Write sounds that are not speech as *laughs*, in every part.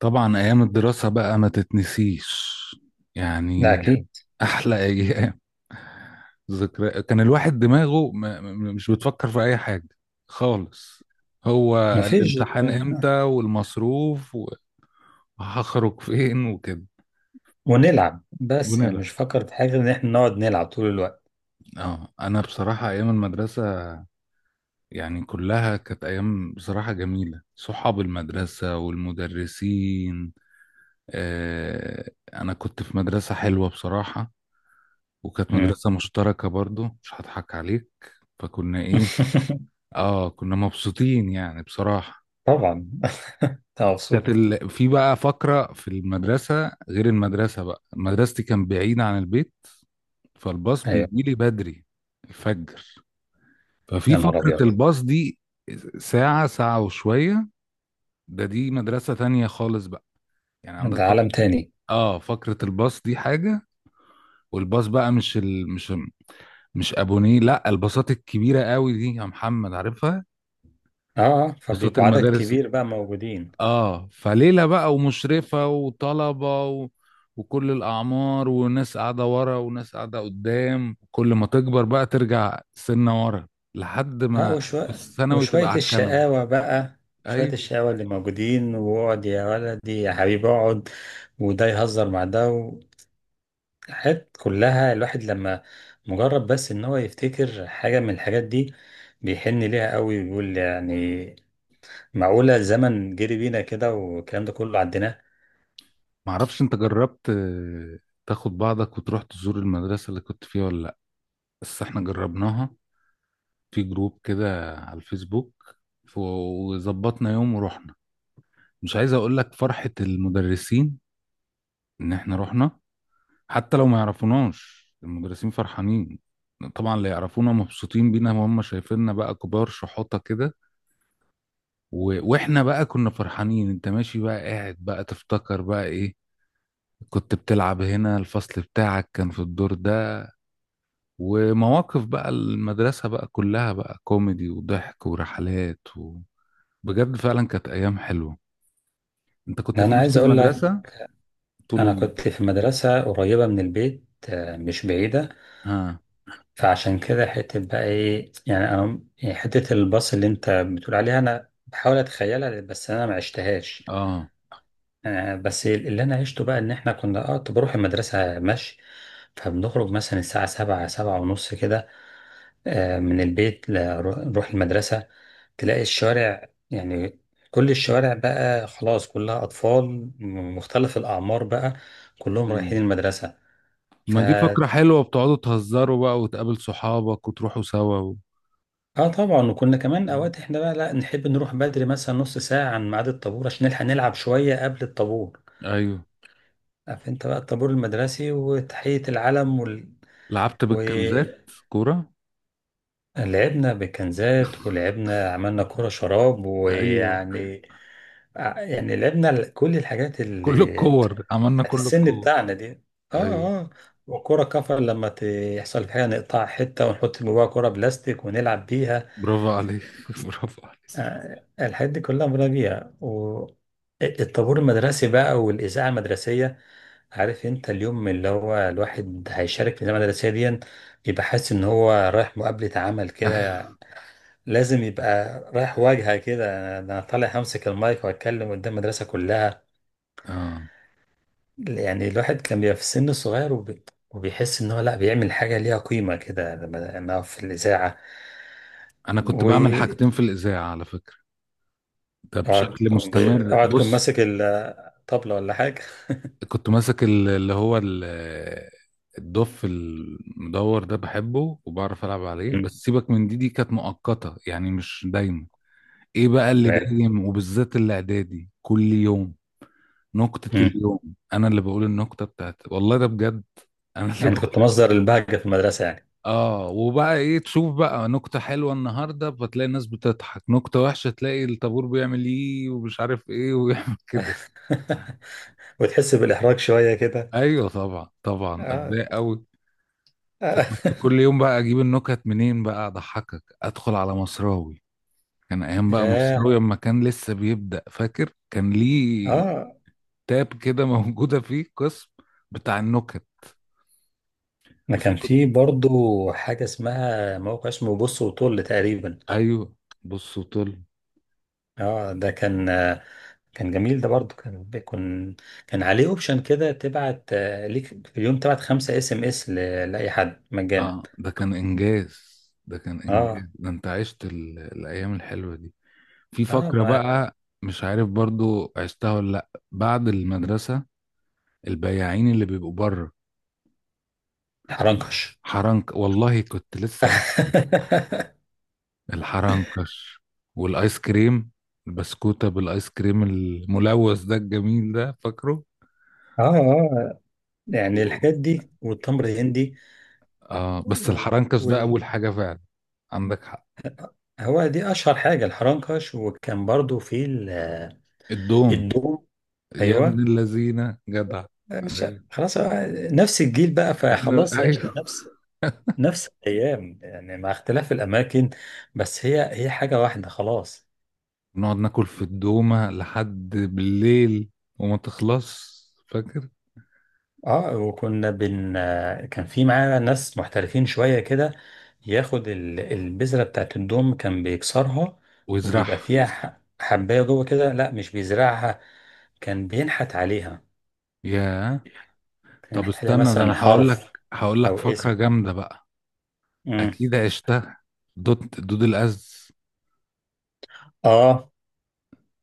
طبعا ايام الدراسة بقى ما تتنسيش، ده يعني أكيد. احلى ايام ذكرى. كان الواحد دماغه مش بتفكر في اي حاجة خالص، هو مفيش. الامتحان امتى والمصروف وهخرج فين وكده، ونلعب بس يعني ونلعب. مش فاكر في حاجة غير إن إحنا نقعد نلعب طول الوقت. اه، انا بصراحة ايام المدرسة يعني كلها كانت ايام بصراحة جميلة، صحاب المدرسة والمدرسين. آه، انا كنت في مدرسة حلوة بصراحة، وكانت مم. مدرسة مشتركة برضو، مش هضحك عليك. فكنا ايه، *laughs* اه كنا مبسوطين يعني بصراحة. طبعا أنت كانت مبسوط. في بقى فقرة في المدرسة غير المدرسة بقى، مدرستي كان بعيدة عن البيت، فالباص أيوه بيجي لي بدري الفجر. ففي يا نهار فقرة أبيض. الباص دي ساعة ساعة وشوية، ده دي مدرسة تانية خالص بقى، يعني عندك ده عالم فقرة. تاني. اه فقرة الباص دي حاجة. والباص بقى مش مش ابونيه، لا الباصات الكبيرة قوي دي، يا محمد عارفها، أه، بساط فبيبقوا عدد المدارس. كبير بقى موجودين. اه فليلة بقى ومشرفة وطلبة وكل الأعمار، وناس قاعدة ورا وناس قاعدة قدام، كل ما تكبر بقى ترجع سنة ورا لحد أه ما في وشوية الثانوي وشوية تبقى على الكنبة. الشقاوة بقى، شوية أيوة. الشقاوة اللي موجودين، واقعد يا ولدي يا حبيبي اقعد، وده يهزر مع ده. حاجات كلها الواحد لما مجرد بس ان هو يفتكر حاجة من الحاجات دي بيحن ليها قوي ويقول يعني معقولة الزمن جري بينا كده والكلام ده كله عديناه. معرفش أنت جربت تاخد بعضك وتروح تزور المدرسة اللي كنت فيها ولا لأ؟ بس احنا جربناها في جروب كده على الفيسبوك، وظبطنا يوم ورحنا. مش عايز أقول لك فرحة المدرسين إن احنا رحنا، حتى لو ما يعرفوناش المدرسين فرحانين. طبعا اللي يعرفونا مبسوطين بينا وهم شايفيننا بقى كبار شحوطة كده، واحنا بقى كنا فرحانين. انت ماشي بقى قاعد بقى تفتكر بقى ايه، كنت بتلعب هنا، الفصل بتاعك كان في الدور ده، ومواقف بقى المدرسة بقى كلها بقى كوميدي وضحك ورحلات بجد فعلا كانت ايام حلوة. انت كنت في انا نفس عايز اقول لك. المدرسة طول انا كنت في مدرسة قريبة من البيت، مش بعيدة. ها، فعشان كده حتة بقى ايه يعني انا يعني حتة الباص اللي انت بتقول عليها انا بحاول اتخيلها بس انا ما عشتهاش. اه، بس اللي انا عشته بقى ان احنا كنا اه كنت بروح المدرسه مشي. فبنخرج مثلا الساعه 7 7:30 كده. من البيت نروح المدرسه. تلاقي الشارع يعني كل الشوارع بقى خلاص كلها اطفال من مختلف الاعمار بقى، كلهم رايحين امم، المدرسه. ف ما دي فكرة حلوة، بتقعدوا تهزروا بقى وتقابل صحابك وتروحوا سوا اه طبعا. وكنا كمان اوقات احنا بقى لا نحب نروح بدري مثلا نص ساعه عن ميعاد الطابور عشان نلحق نلعب شويه قبل الطابور. ايوه، عارف انت بقى الطابور المدرسي وتحيه العلم لعبت بالكنزات وال... كورة. لعبنا بكنزات، ولعبنا عملنا كرة شراب ايوه، ويعني، يعني لعبنا كل الحاجات كل اللي الكور عملنا بتاعت كل السن الكور. بتاعنا دي. اه ايوه، اه. وكرة كفر لما يحصل حاجة نقطع حتة ونحط جواها كرة بلاستيك ونلعب بيها. برافو عليك *laughs* برافو عليك. آه الحاجات دي كلها مرة بيها، والطابور المدرسي بقى والإذاعة المدرسية. عارف انت اليوم اللي هو الواحد هيشارك في الإذاعة المدرسية دي بيبقى حاسس ان هو رايح مقابلة عمل كده. لازم يبقى رايح واجهة كده. انا طالع همسك المايك واتكلم قدام المدرسة كلها. اه، يعني الواحد كان بيبقى في السن الصغير وبيحس ان هو لا بيعمل حاجة ليها قيمة كده لما أقف في الإذاعة انا كنت بعمل واقعد، حاجتين في الاذاعة على فكرة، ده بشكل مستمر. أقعد كن بص، ماسك الطبلة ولا حاجة. كنت ماسك اللي هو الدف المدور ده، بحبه وبعرف العب عليه. مم. بس سيبك من دي، كانت مؤقتة يعني مش دايما. ايه بقى اللي تمام. دايم وبالذات الاعدادي كل يوم؟ نكتة مم. اليوم، انا اللي بقول النكتة بتاعتي، والله ده بجد، *laughs* انا اللي يعني أنت بقول. كنت مصدر البهجة في المدرسة يعني. اه، وبقى ايه، تشوف بقى نكتة حلوة النهاردة فتلاقي الناس بتضحك، نكتة وحشة تلاقي الطابور بيعمل ايه ومش عارف ايه *laughs* ويعمل كده. *laughs* وتحس بالإحراج شوية كده. ايوه طبعا، طبعا اه. اتضايق قوي. آه. كنت كل *laughs* يوم بقى اجيب النكت منين بقى اضحكك؟ ادخل على مصراوي. كان ايام بقى ياه. مصراوي اما كان لسه بيبدأ، فاكر كان ليه اه تاب كده *laughs* موجودة فيه قسم بتاع النكت. ما بس كان في كنت- برضو حاجة اسمها موقع اسمه بص وطل تقريبا. ايوه، بص وطل. اه ده كان، كان جميل ده برضو كان بيكون. كان عليه اوبشن كده تبعت، ليك في اليوم تبعت 5 SMS لأي حد مجانا. اه ده كان انجاز، ده كان انجاز، اه ده انت عشت الايام الحلوه دي. في اه. فقره ما بقى مش عارف برضو عشتها ولا لا، بعد المدرسه البياعين اللي بيبقوا بره، حرنكش. حرنك، والله كنت لسه هقول *laughs* الحرنكش والايس كريم، البسكوته بالايس كريم الملوث ده الجميل ده فاكره؟ اه اه يعني الحاجات دي والتمر الهندي آه، بس الحرنكش ده وال... أول حاجة فعلا. عندك حق، هو دي اشهر حاجة الحرنكش. وكان برضو في الدوم، الدوم. يا ابن ايوه. اللذينة جدع. مش. أيوة. خلاص هو نفس الجيل بقى، احنا فخلاص *laughs* عشنا أيوه، نفس الايام يعني مع اختلاف الاماكن، بس هي هي حاجه واحده خلاص. نقعد ناكل في الدومة لحد بالليل وما تخلص، فاكر؟ اه. وكنا كان في معانا ناس محترفين شويه كده ياخد البذره بتاعت الدوم كان بيكسرها، ويزرعها، وبيبقى فيها حبايه جوه كده، لا مش بيزرعها، كان بينحت عليها. يا، كان طب ينحت عليها استنى ده مثلا أنا هقول لك حرف هقول او لك اسم. فكرة جامدة بقى، امم أكيد عشتها. دود الأز، اه،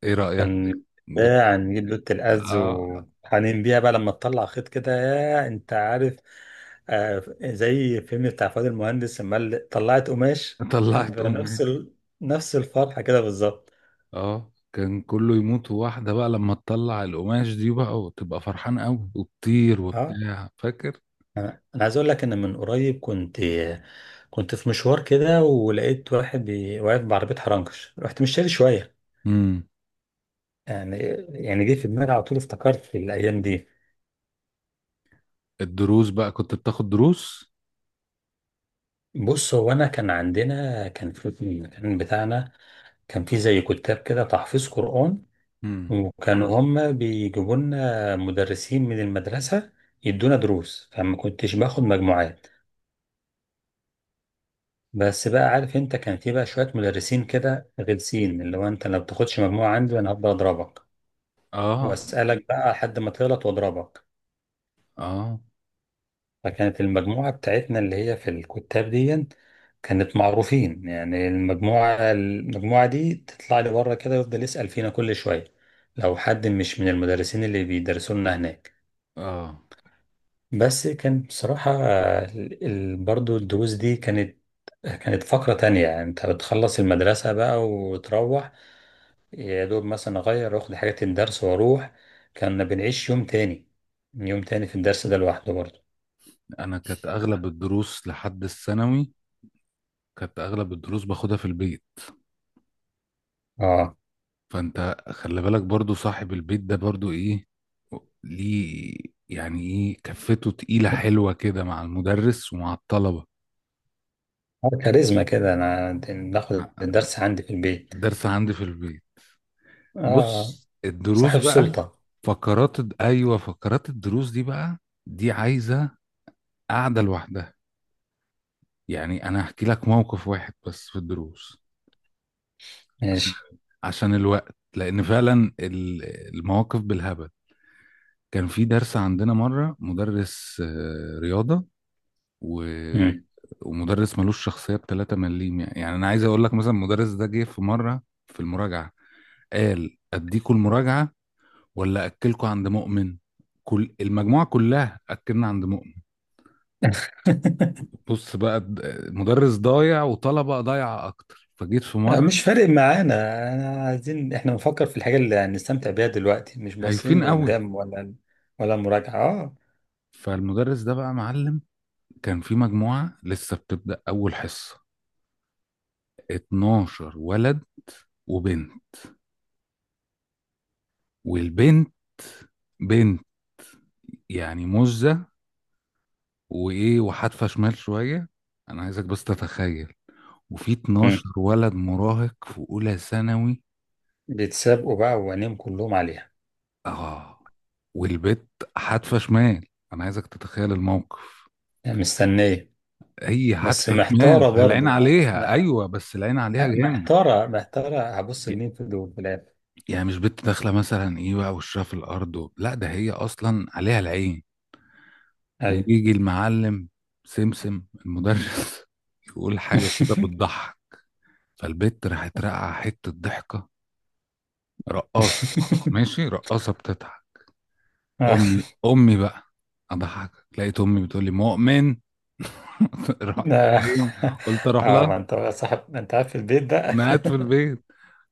إيه رأيك؟ كان جبت- بتاع نجيب لوت الأز آه، وحنين بيها بقى لما تطلع خيط كده، يا انت عارف. آه زي الفيلم بتاع فؤاد المهندس لما قال طلعت قماش، كان طلعت بيبقى نفس أم. نفس الفرحة كده بالظبط. اه كان كله يموت واحدة بقى لما تطلع القماش دي بقى وتبقى فرحان قوي وتطير اه. وبتاع، فاكر؟ انا عايز اقول لك ان من قريب كنت في مشوار كده ولقيت واحد واقف بعربية حرنكش، رحت مشتري شوية امم. يعني. جه في دماغي على طول افتكرت في الايام دي. الدروس بقى، كنت بتاخد دروس؟ بص هو انا كان عندنا، كان في، كان بتاعنا، كان في زي كتاب كده تحفيظ قرآن. امم. وكانوا هم بيجيبوا لنا مدرسين من المدرسة يدونا دروس، فما كنتش باخد مجموعات. بس بقى عارف انت كان في بقى شوية مدرسين كده غلسين، اللي هو انت لو بتاخدش مجموعة عندي انا هفضل اضربك اه، واسألك بقى لحد ما تغلط واضربك. اه، فكانت المجموعة بتاعتنا اللي هي في الكتاب دي كانت معروفين، يعني المجموعة دي تطلع لي بره كده يفضل يسأل فينا كل شوية، لو حد مش من المدرسين اللي بيدرسوا لنا هناك. اه، بس كان بصراحة آه، برضو الدروس دي كانت فقرة تانية. يعني انت بتخلص المدرسة بقى وتروح، يا دوب مثلا اغير واخد حاجات الدرس واروح. كنا بنعيش يوم تاني، يوم تاني في الدرس ده لوحده برضو. انا كانت اغلب الدروس لحد الثانوي كانت اغلب الدروس باخدها في البيت. اه. فانت خلي بالك برضو صاحب البيت ده برضو ايه، ليه، يعني ايه، كفته تقيلة حلوة كده مع المدرس ومع الطلبة. آه، كاريزما كده. انا باخد الدرس عندي في البيت. الدرس عندي في البيت. اه بص الدروس صاحب بقى، سلطة. ايوه، فقرات الدروس دي بقى، دي عايزه قاعده لوحدها. يعني انا هحكي لك موقف واحد بس في الدروس، عشان ماشي. عشان الوقت، لان فعلا المواقف بالهبل. كان في درس عندنا مره مدرس رياضه، و مم. ومدرس ملوش شخصيه ب 3 مليم. يعني انا عايز اقول لك مثلا المدرس ده جه في مره في المراجعه قال اديكوا المراجعه ولا اكلكوا عند مؤمن؟ كل المجموعه كلها اكلنا عند مؤمن. *laughs* بص بقى مدرس ضايع وطلبه ضايعه اكتر، فجيت في آه، مره مش فارق معانا. انا عايزين احنا بنفكر في الحاجة اللي هنستمتع بيها دلوقتي، مش باصين هايفين قوي. لقدام ولا مراجعة. اه. فالمدرس ده بقى معلم. كان في مجموعه لسه بتبدا اول حصه، 12 ولد وبنت. والبنت بنت، يعني مزه، وايه، وحادفه شمال شويه، انا عايزك بس تتخيل، وفي مم. 12 ولد مراهق في اولى ثانوي. بيتسابقوا بقى وعينيهم كلهم عليها. اه والبت حادفه شمال، انا عايزك تتخيل الموقف. يعني مستنية. هي بس حادفه شمال محتارة فالعين برضو، عليها، ايوه بس العين عليها آه، جامد. محتارة هبص ي- لمين في دول في الآخر. يعني مش بنت داخله مثلا ايه بقى وشها في الارض لا، ده هي اصلا عليها العين. أيوة. ويجي المعلم سمسم المدرس *laughs* يقول حاجه كده بتضحك، فالبت راحت راقعه حته ضحكه رقاصه، ماشي رقاصه بتضحك، *laughs* امي امي بقى اضحك. لقيت امي بتقول لي مؤمن. *laughs* رحت لا. ايه، قلت *laughs* اروح اه ما لها. انت بقى صاحب، انت قاعد في البيت بقى. انا قاعد في *laughs* البيت،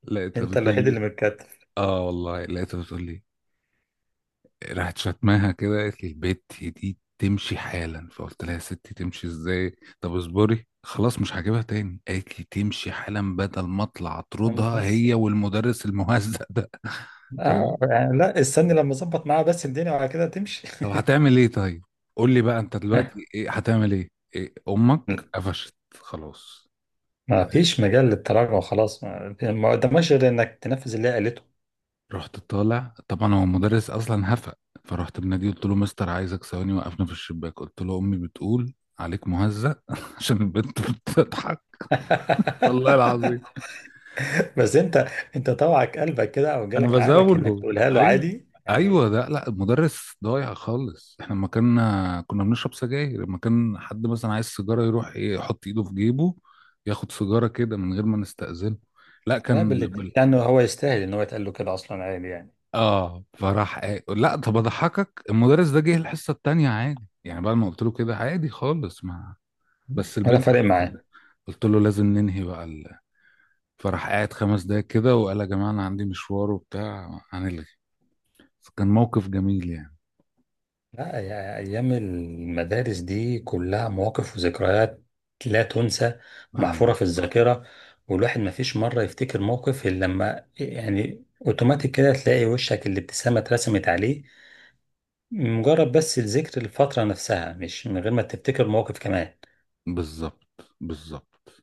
لقيتها انت بتقول الوحيد اللي لي، متكتف. اه والله لقيتها بتقول لي، راحت شتماها كده قالت لي البت دي تمشي حالا. فقلت لها يا ستي تمشي ازاي؟ طب اصبري خلاص مش هجيبها تاني. قالت لي تمشي حالا بدل ما اطلع فاهمني اطردها بس. هي والمدرس المهزأ ده. *laughs* تمام. اه يعني لا، استني لما اظبط معاه، بس الدنيا وعلى كده تمشي. طب *laughs* هتعمل ايه؟ طيب قول لي بقى انت دلوقتي ايه هتعمل ايه, إيه؟ امك قفشت خلاص. ما فيش مجال للتراجع خلاص، ما قدامكش غير انك تنفذ اللي هي قالته. رحت طالع طبعا، هو المدرس اصلا هفق. فرحت بناديه، قلت له مستر عايزك ثواني، وقفنا في الشباك قلت له امي بتقول عليك مهزأ *laughs* عشان البنت بتضحك. والله العظيم *laughs* بس انت، طوعك قلبك كده او انا جالك عقلك انك بزاوله. تقولها له ايوه، عادي يعني. ايوه ده لا المدرس ضايع خالص، احنا لما كنا بنشرب سجاير، لما كان حد مثلا عايز سيجاره يروح ايه، يحط ايده في جيبه ياخد سيجاره كده من غير ما نستأذنه، لا لا، كان يعني هو يستاهل ان هو يتقال له كده اصلا عادي يعني. اه فراح إيه. لا طب اضحكك، المدرس ده جه الحصه التانيه عادي يعني بعد ما قلت له كده، عادي خالص ما، بس ولا البنت فارق خلاص، معاه. قلت له لازم ننهي بقى فراح قاعد 5 دقايق كده وقال يا جماعه انا عندي مشوار وبتاع هنلغي. فكان موقف جميل يعني. لا يا أيام المدارس دي كلها مواقف وذكريات لا تنسى، اه، محفورة في الذاكرة. والواحد ما فيش مرة يفتكر موقف إلا لما يعني أوتوماتيك كده تلاقي وشك الابتسامة اترسمت عليه، مجرد بس الذكر، الفترة نفسها، مش من غير ما تفتكر موقف كمان. بالظبط، بالظبط.